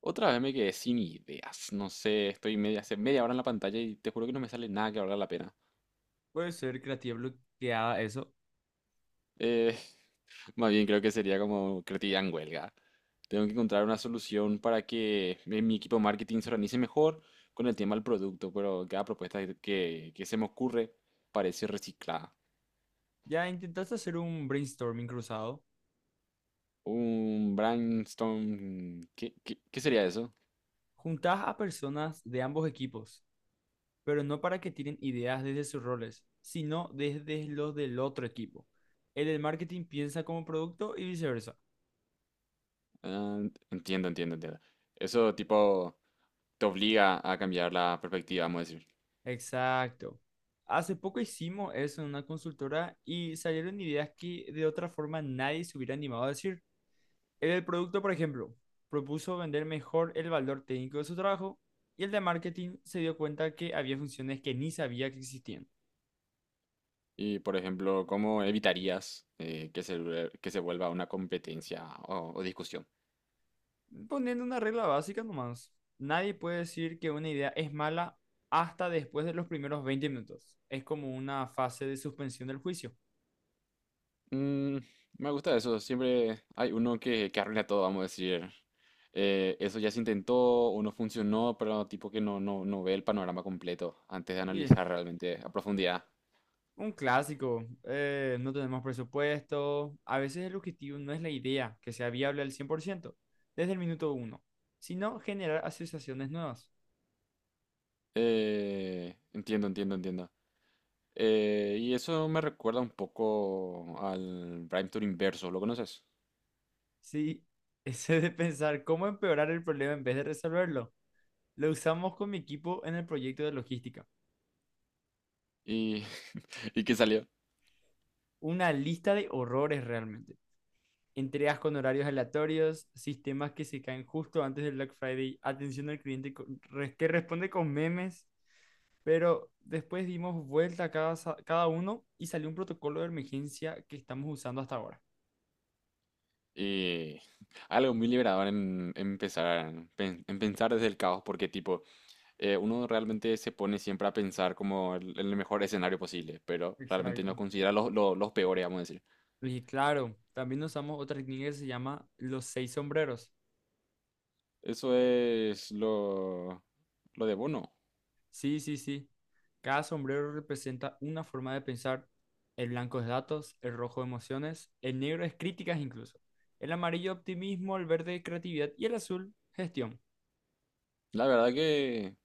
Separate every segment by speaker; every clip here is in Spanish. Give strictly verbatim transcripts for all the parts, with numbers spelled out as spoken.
Speaker 1: Otra vez me quedé sin ideas. No sé, estoy media, hace media hora en la pantalla y te juro que no me sale nada que valga la pena.
Speaker 2: Puede ser creativa bloqueada eso.
Speaker 1: Eh, más bien creo que sería como creatividad en huelga. Tengo que encontrar una solución para que mi mi equipo de marketing se organice mejor con el tema del producto, pero cada propuesta que, que que se me ocurre parece reciclada.
Speaker 2: ¿Ya intentaste hacer un brainstorming cruzado?
Speaker 1: Un brainstorm... ¿Qué, qué, qué sería eso?
Speaker 2: Juntás a personas de ambos equipos, pero no para que tiren ideas desde sus roles, sino desde los del otro equipo. El del marketing piensa como producto y viceversa.
Speaker 1: Ah, entiendo, entiendo, entiendo. Eso tipo te obliga a cambiar la perspectiva, vamos a decir.
Speaker 2: Exacto. Hace poco hicimos eso en una consultora y salieron ideas que de otra forma nadie se hubiera animado a decir. El producto, por ejemplo, propuso vender mejor el valor técnico de su trabajo y el de marketing se dio cuenta que había funciones que ni sabía que existían.
Speaker 1: Y, por ejemplo, ¿cómo evitarías eh, que se, vuel- que se vuelva una competencia o, o discusión?
Speaker 2: Poniendo una regla básica nomás, nadie puede decir que una idea es mala hasta después de los primeros veinte minutos. Es como una fase de suspensión del juicio.
Speaker 1: Mm, me gusta eso. Siempre hay uno que, que arruina todo, vamos a decir. Eh, eso ya se intentó o no funcionó, pero tipo que no, no, no ve el panorama completo antes de
Speaker 2: Y
Speaker 1: analizar realmente a profundidad.
Speaker 2: un clásico, eh, no tenemos presupuesto. A veces el objetivo no es la idea que sea viable al cien por ciento desde el minuto uno, sino generar asociaciones nuevas.
Speaker 1: Eh, entiendo, entiendo, entiendo. Eh, y eso me recuerda un poco al Prime Tour Inverso, ¿lo conoces?
Speaker 2: Sí, ese de pensar cómo empeorar el problema en vez de resolverlo. Lo usamos con mi equipo en el proyecto de logística.
Speaker 1: Y, y que salió.
Speaker 2: Una lista de horrores realmente. Entregas con horarios aleatorios, sistemas que se caen justo antes del Black Friday, atención al cliente co- re- que responde con memes. Pero después dimos vuelta a cada, sa- cada uno y salió un protocolo de emergencia que estamos usando hasta ahora.
Speaker 1: Y algo muy liberador en, en empezar, pen- en pensar desde el caos, porque tipo, eh, uno realmente se pone siempre a pensar como el, el mejor escenario posible, pero realmente no
Speaker 2: Exacto.
Speaker 1: considera los, los, los peores, vamos a decir.
Speaker 2: Y claro, también usamos otra técnica que se llama los seis sombreros.
Speaker 1: Eso es lo, lo de Bono.
Speaker 2: Sí, sí, sí. Cada sombrero representa una forma de pensar. El blanco es datos, el rojo emociones, el negro es críticas incluso, el amarillo optimismo, el verde creatividad y el azul gestión.
Speaker 1: La verdad que,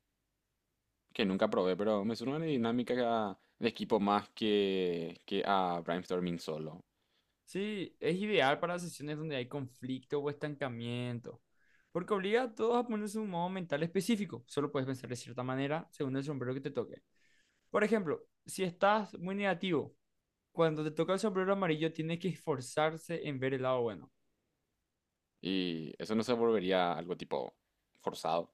Speaker 1: que nunca probé, pero me suena una dinámica de equipo más que, que a brainstorming solo.
Speaker 2: Sí, es ideal para sesiones donde hay conflicto o estancamiento, porque obliga a todos a ponerse un modo mental específico. Solo puedes pensar de cierta manera según el sombrero que te toque. Por ejemplo, si estás muy negativo, cuando te toca el sombrero amarillo tienes que esforzarse en ver el lado bueno.
Speaker 1: Y eso no se volvería algo tipo forzado.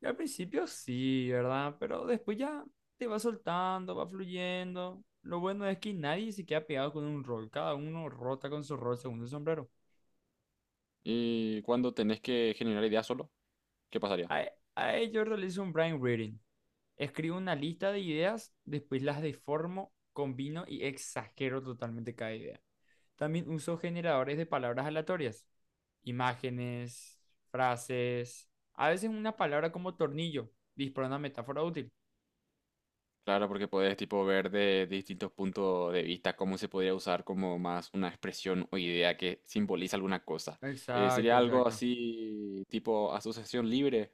Speaker 2: Y al principio sí, ¿verdad? Pero después ya te va soltando, va fluyendo. Lo bueno es que nadie se queda pegado con un rol. Cada uno rota con su rol según su sombrero.
Speaker 1: Y cuando tenés que generar ideas solo, ¿qué pasaría?
Speaker 2: A, a ello realizo un brain reading. Escribo una lista de ideas, después las deformo, combino y exagero totalmente cada idea. También uso generadores de palabras aleatorias. Imágenes, frases. A veces una palabra como tornillo dispara una metáfora útil.
Speaker 1: Claro, porque puedes tipo ver de distintos puntos de vista cómo se podría usar como más una expresión o idea que simboliza alguna cosa. Eh,
Speaker 2: Exacto,
Speaker 1: sería algo
Speaker 2: exacto.
Speaker 1: así tipo asociación libre.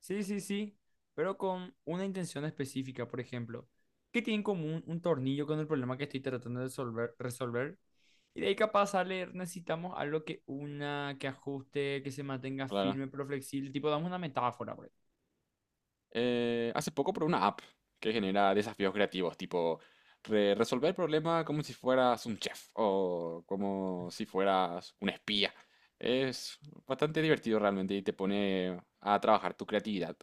Speaker 2: Sí, sí, sí, pero con una intención específica, por ejemplo, ¿qué tiene en común un tornillo con el problema que estoy tratando de resolver? resolver? Y de ahí capaz sale, necesitamos algo que una, que ajuste, que se mantenga
Speaker 1: Claro.
Speaker 2: firme pero flexible, tipo damos una metáfora, por ejemplo.
Speaker 1: Eh, hace poco probé una app que genera desafíos creativos, tipo re- resolver el problema como si fueras un chef o como si fueras un espía. Es bastante divertido realmente y te pone a trabajar tu creatividad.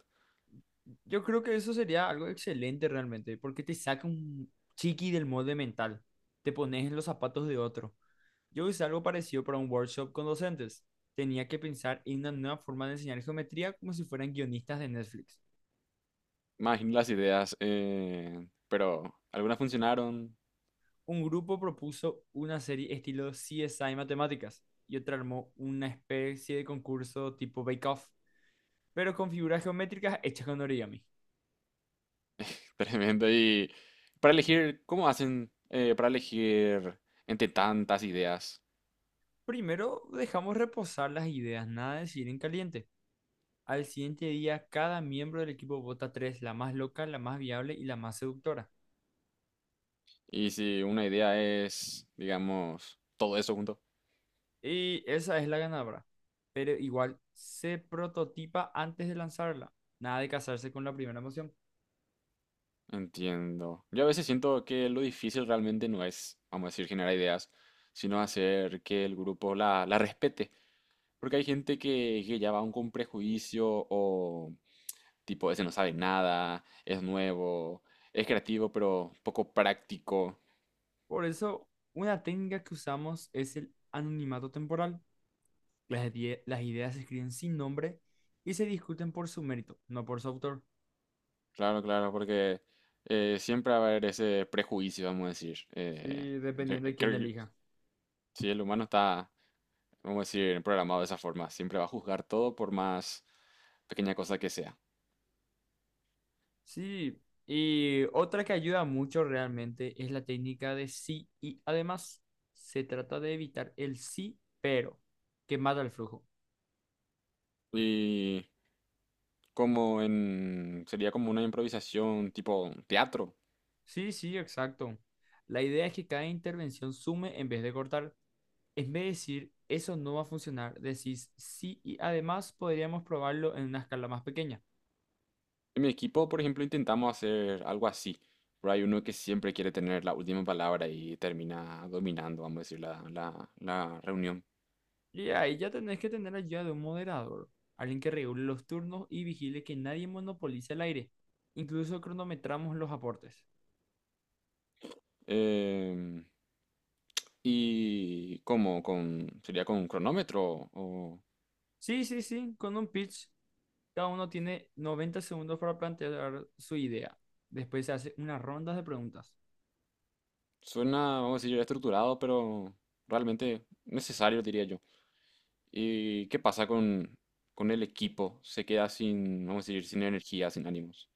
Speaker 2: Yo creo que eso sería algo excelente realmente, porque te saca un chiqui del molde mental, te pones en los zapatos de otro. Yo hice algo parecido para un workshop con docentes. Tenía que pensar en una nueva forma de enseñar geometría como si fueran guionistas de Netflix.
Speaker 1: Imagino las ideas, eh, pero algunas funcionaron,
Speaker 2: Un grupo propuso una serie estilo C S I Matemáticas y otro armó una especie de concurso tipo Bake Off, pero con figuras geométricas hechas con origami.
Speaker 1: tremendo. Y para elegir, ¿cómo hacen eh, para elegir entre tantas ideas?
Speaker 2: Primero dejamos reposar las ideas, nada de decir en caliente. Al siguiente día, cada miembro del equipo vota tres, la más loca, la más viable y la más seductora.
Speaker 1: Y si una idea es, digamos, todo eso junto.
Speaker 2: Y esa es la ganadora. Pero igual se prototipa antes de lanzarla. Nada de casarse con la primera emoción.
Speaker 1: Entiendo. Yo a veces siento que lo difícil realmente no es, vamos a decir, generar ideas, sino hacer que el grupo la, la respete. Porque hay gente que, que ya va aún con prejuicio o tipo, ese no sabe nada, es nuevo, es creativo, pero poco práctico.
Speaker 2: Por eso, una técnica que usamos es el anonimato temporal. Las, idea- las ideas se escriben sin nombre y se discuten por su mérito, no por su autor.
Speaker 1: Claro, claro, porque eh, siempre va a haber ese prejuicio, vamos a decir. Eh,
Speaker 2: Sí,
Speaker 1: yo
Speaker 2: dependiendo de quién
Speaker 1: creo que
Speaker 2: elija.
Speaker 1: si el humano está, vamos a decir, programado de esa forma, siempre va a juzgar todo por más pequeña cosa que sea.
Speaker 2: Sí, y otra que ayuda mucho realmente es la técnica de sí y además. Se trata de evitar el sí, pero, que mata el flujo.
Speaker 1: Y como en, sería como una improvisación tipo teatro.
Speaker 2: Sí, sí, exacto. La idea es que cada intervención sume en vez de cortar. En vez de decir, eso no va a funcionar, decís sí y además podríamos probarlo en una escala más pequeña.
Speaker 1: En mi equipo, por ejemplo, intentamos hacer algo así. Pero hay uno que siempre quiere tener la última palabra y termina dominando, vamos a decir, la, la- la reunión.
Speaker 2: Y ahí ya tenés que tener ayuda de un moderador, alguien que regule los turnos y vigile que nadie monopolice el aire. Incluso cronometramos los aportes.
Speaker 1: Em, ¿Y cómo? Con, ¿sería con un cronómetro? O,
Speaker 2: Sí, sí, sí, con un pitch, cada uno tiene noventa segundos para plantear su idea. Después se hace unas rondas de preguntas
Speaker 1: suena, vamos a decir, estructurado, pero realmente necesario, diría yo. ¿Y qué pasa con, con el equipo? Se queda sin, vamos a decir, sin energía, sin ánimos.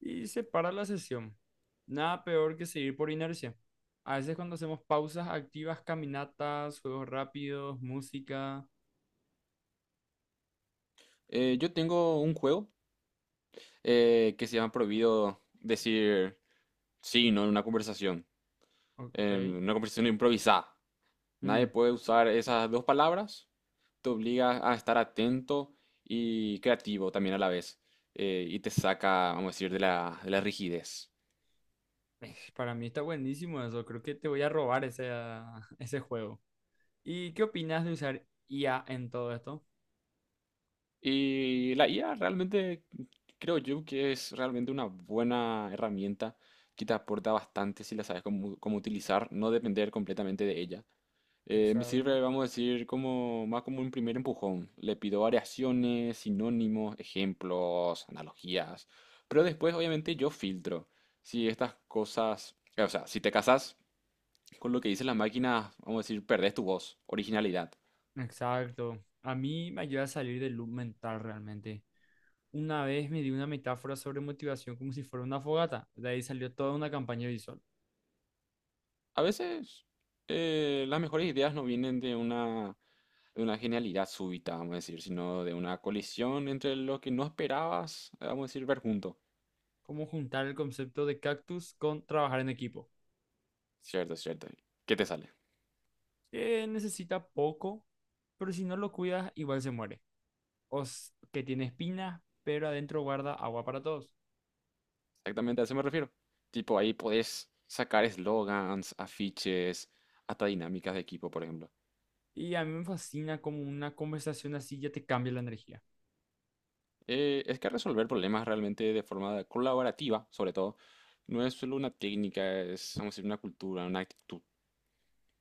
Speaker 2: y se para la sesión. Nada peor que seguir por inercia. A veces cuando hacemos pausas activas, caminatas, juegos rápidos, música.
Speaker 1: Eh, yo tengo un juego eh, que se llama prohibido decir sí, no en una conversación,
Speaker 2: O-
Speaker 1: en
Speaker 2: Ok.
Speaker 1: una conversación improvisada. Nadie
Speaker 2: Mm.
Speaker 1: puede usar esas dos palabras, te obliga a estar atento y creativo también a la vez, eh, y te saca, vamos a decir, de la, de la rigidez.
Speaker 2: Eh, Para mí está buenísimo eso. Creo que te voy a robar ese, ah, ese juego. ¿Y qué opinas de usar I A en todo esto?
Speaker 1: Y la I A realmente creo yo que es realmente una buena herramienta que te aporta bastante si la sabes cómo, cómo utilizar, no depender completamente de ella. Eh, me
Speaker 2: Exacto.
Speaker 1: sirve, vamos a decir, como más como un primer empujón. Le pido variaciones, sinónimos, ejemplos, analogías. Pero después, obviamente, yo filtro. Si estas cosas, o sea, si te casas con lo que dice la máquina, vamos a decir, perdés tu voz, originalidad.
Speaker 2: Exacto. A mí me ayuda a salir del loop mental realmente. Una vez me di una metáfora sobre motivación como si fuera una fogata. De ahí salió toda una campaña visual.
Speaker 1: A veces, eh, las mejores ideas no vienen de una, de una genialidad súbita, vamos a decir, sino de una colisión entre lo que no esperabas, vamos a decir, ver junto.
Speaker 2: Cómo juntar el concepto de cactus con trabajar en equipo.
Speaker 1: Cierto, cierto. ¿Qué te sale?
Speaker 2: Que necesita poco, pero si no lo cuidas, igual se muere. O s- que tiene espinas, pero adentro guarda agua para todos.
Speaker 1: Exactamente a eso me refiero. Tipo, ahí podés sacar eslogans, afiches, hasta dinámicas de equipo, por ejemplo.
Speaker 2: Y a mí me fascina como una conversación así ya te cambia la energía.
Speaker 1: Eh, es que resolver problemas realmente de forma colaborativa, sobre todo, no es solo una técnica, es, vamos a decir, una cultura, una actitud.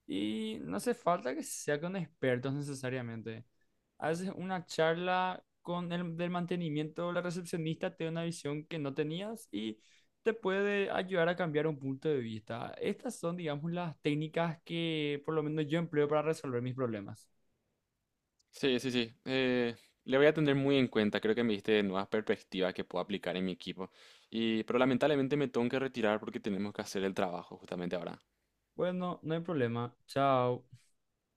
Speaker 2: Y no hace falta que sea con expertos necesariamente. A veces una charla con el del mantenimiento, o la recepcionista te da una visión que no tenías y te puede ayudar a cambiar un punto de vista. Estas son, digamos, las técnicas que por lo menos yo empleo para resolver mis problemas.
Speaker 1: Sí, sí, sí. Eh, le voy a tener muy en cuenta. Creo que me diste nuevas perspectivas que puedo aplicar en mi equipo. Y, pero lamentablemente me tengo que retirar porque tenemos que hacer el trabajo justamente ahora.
Speaker 2: Bueno, no hay problema. Chao.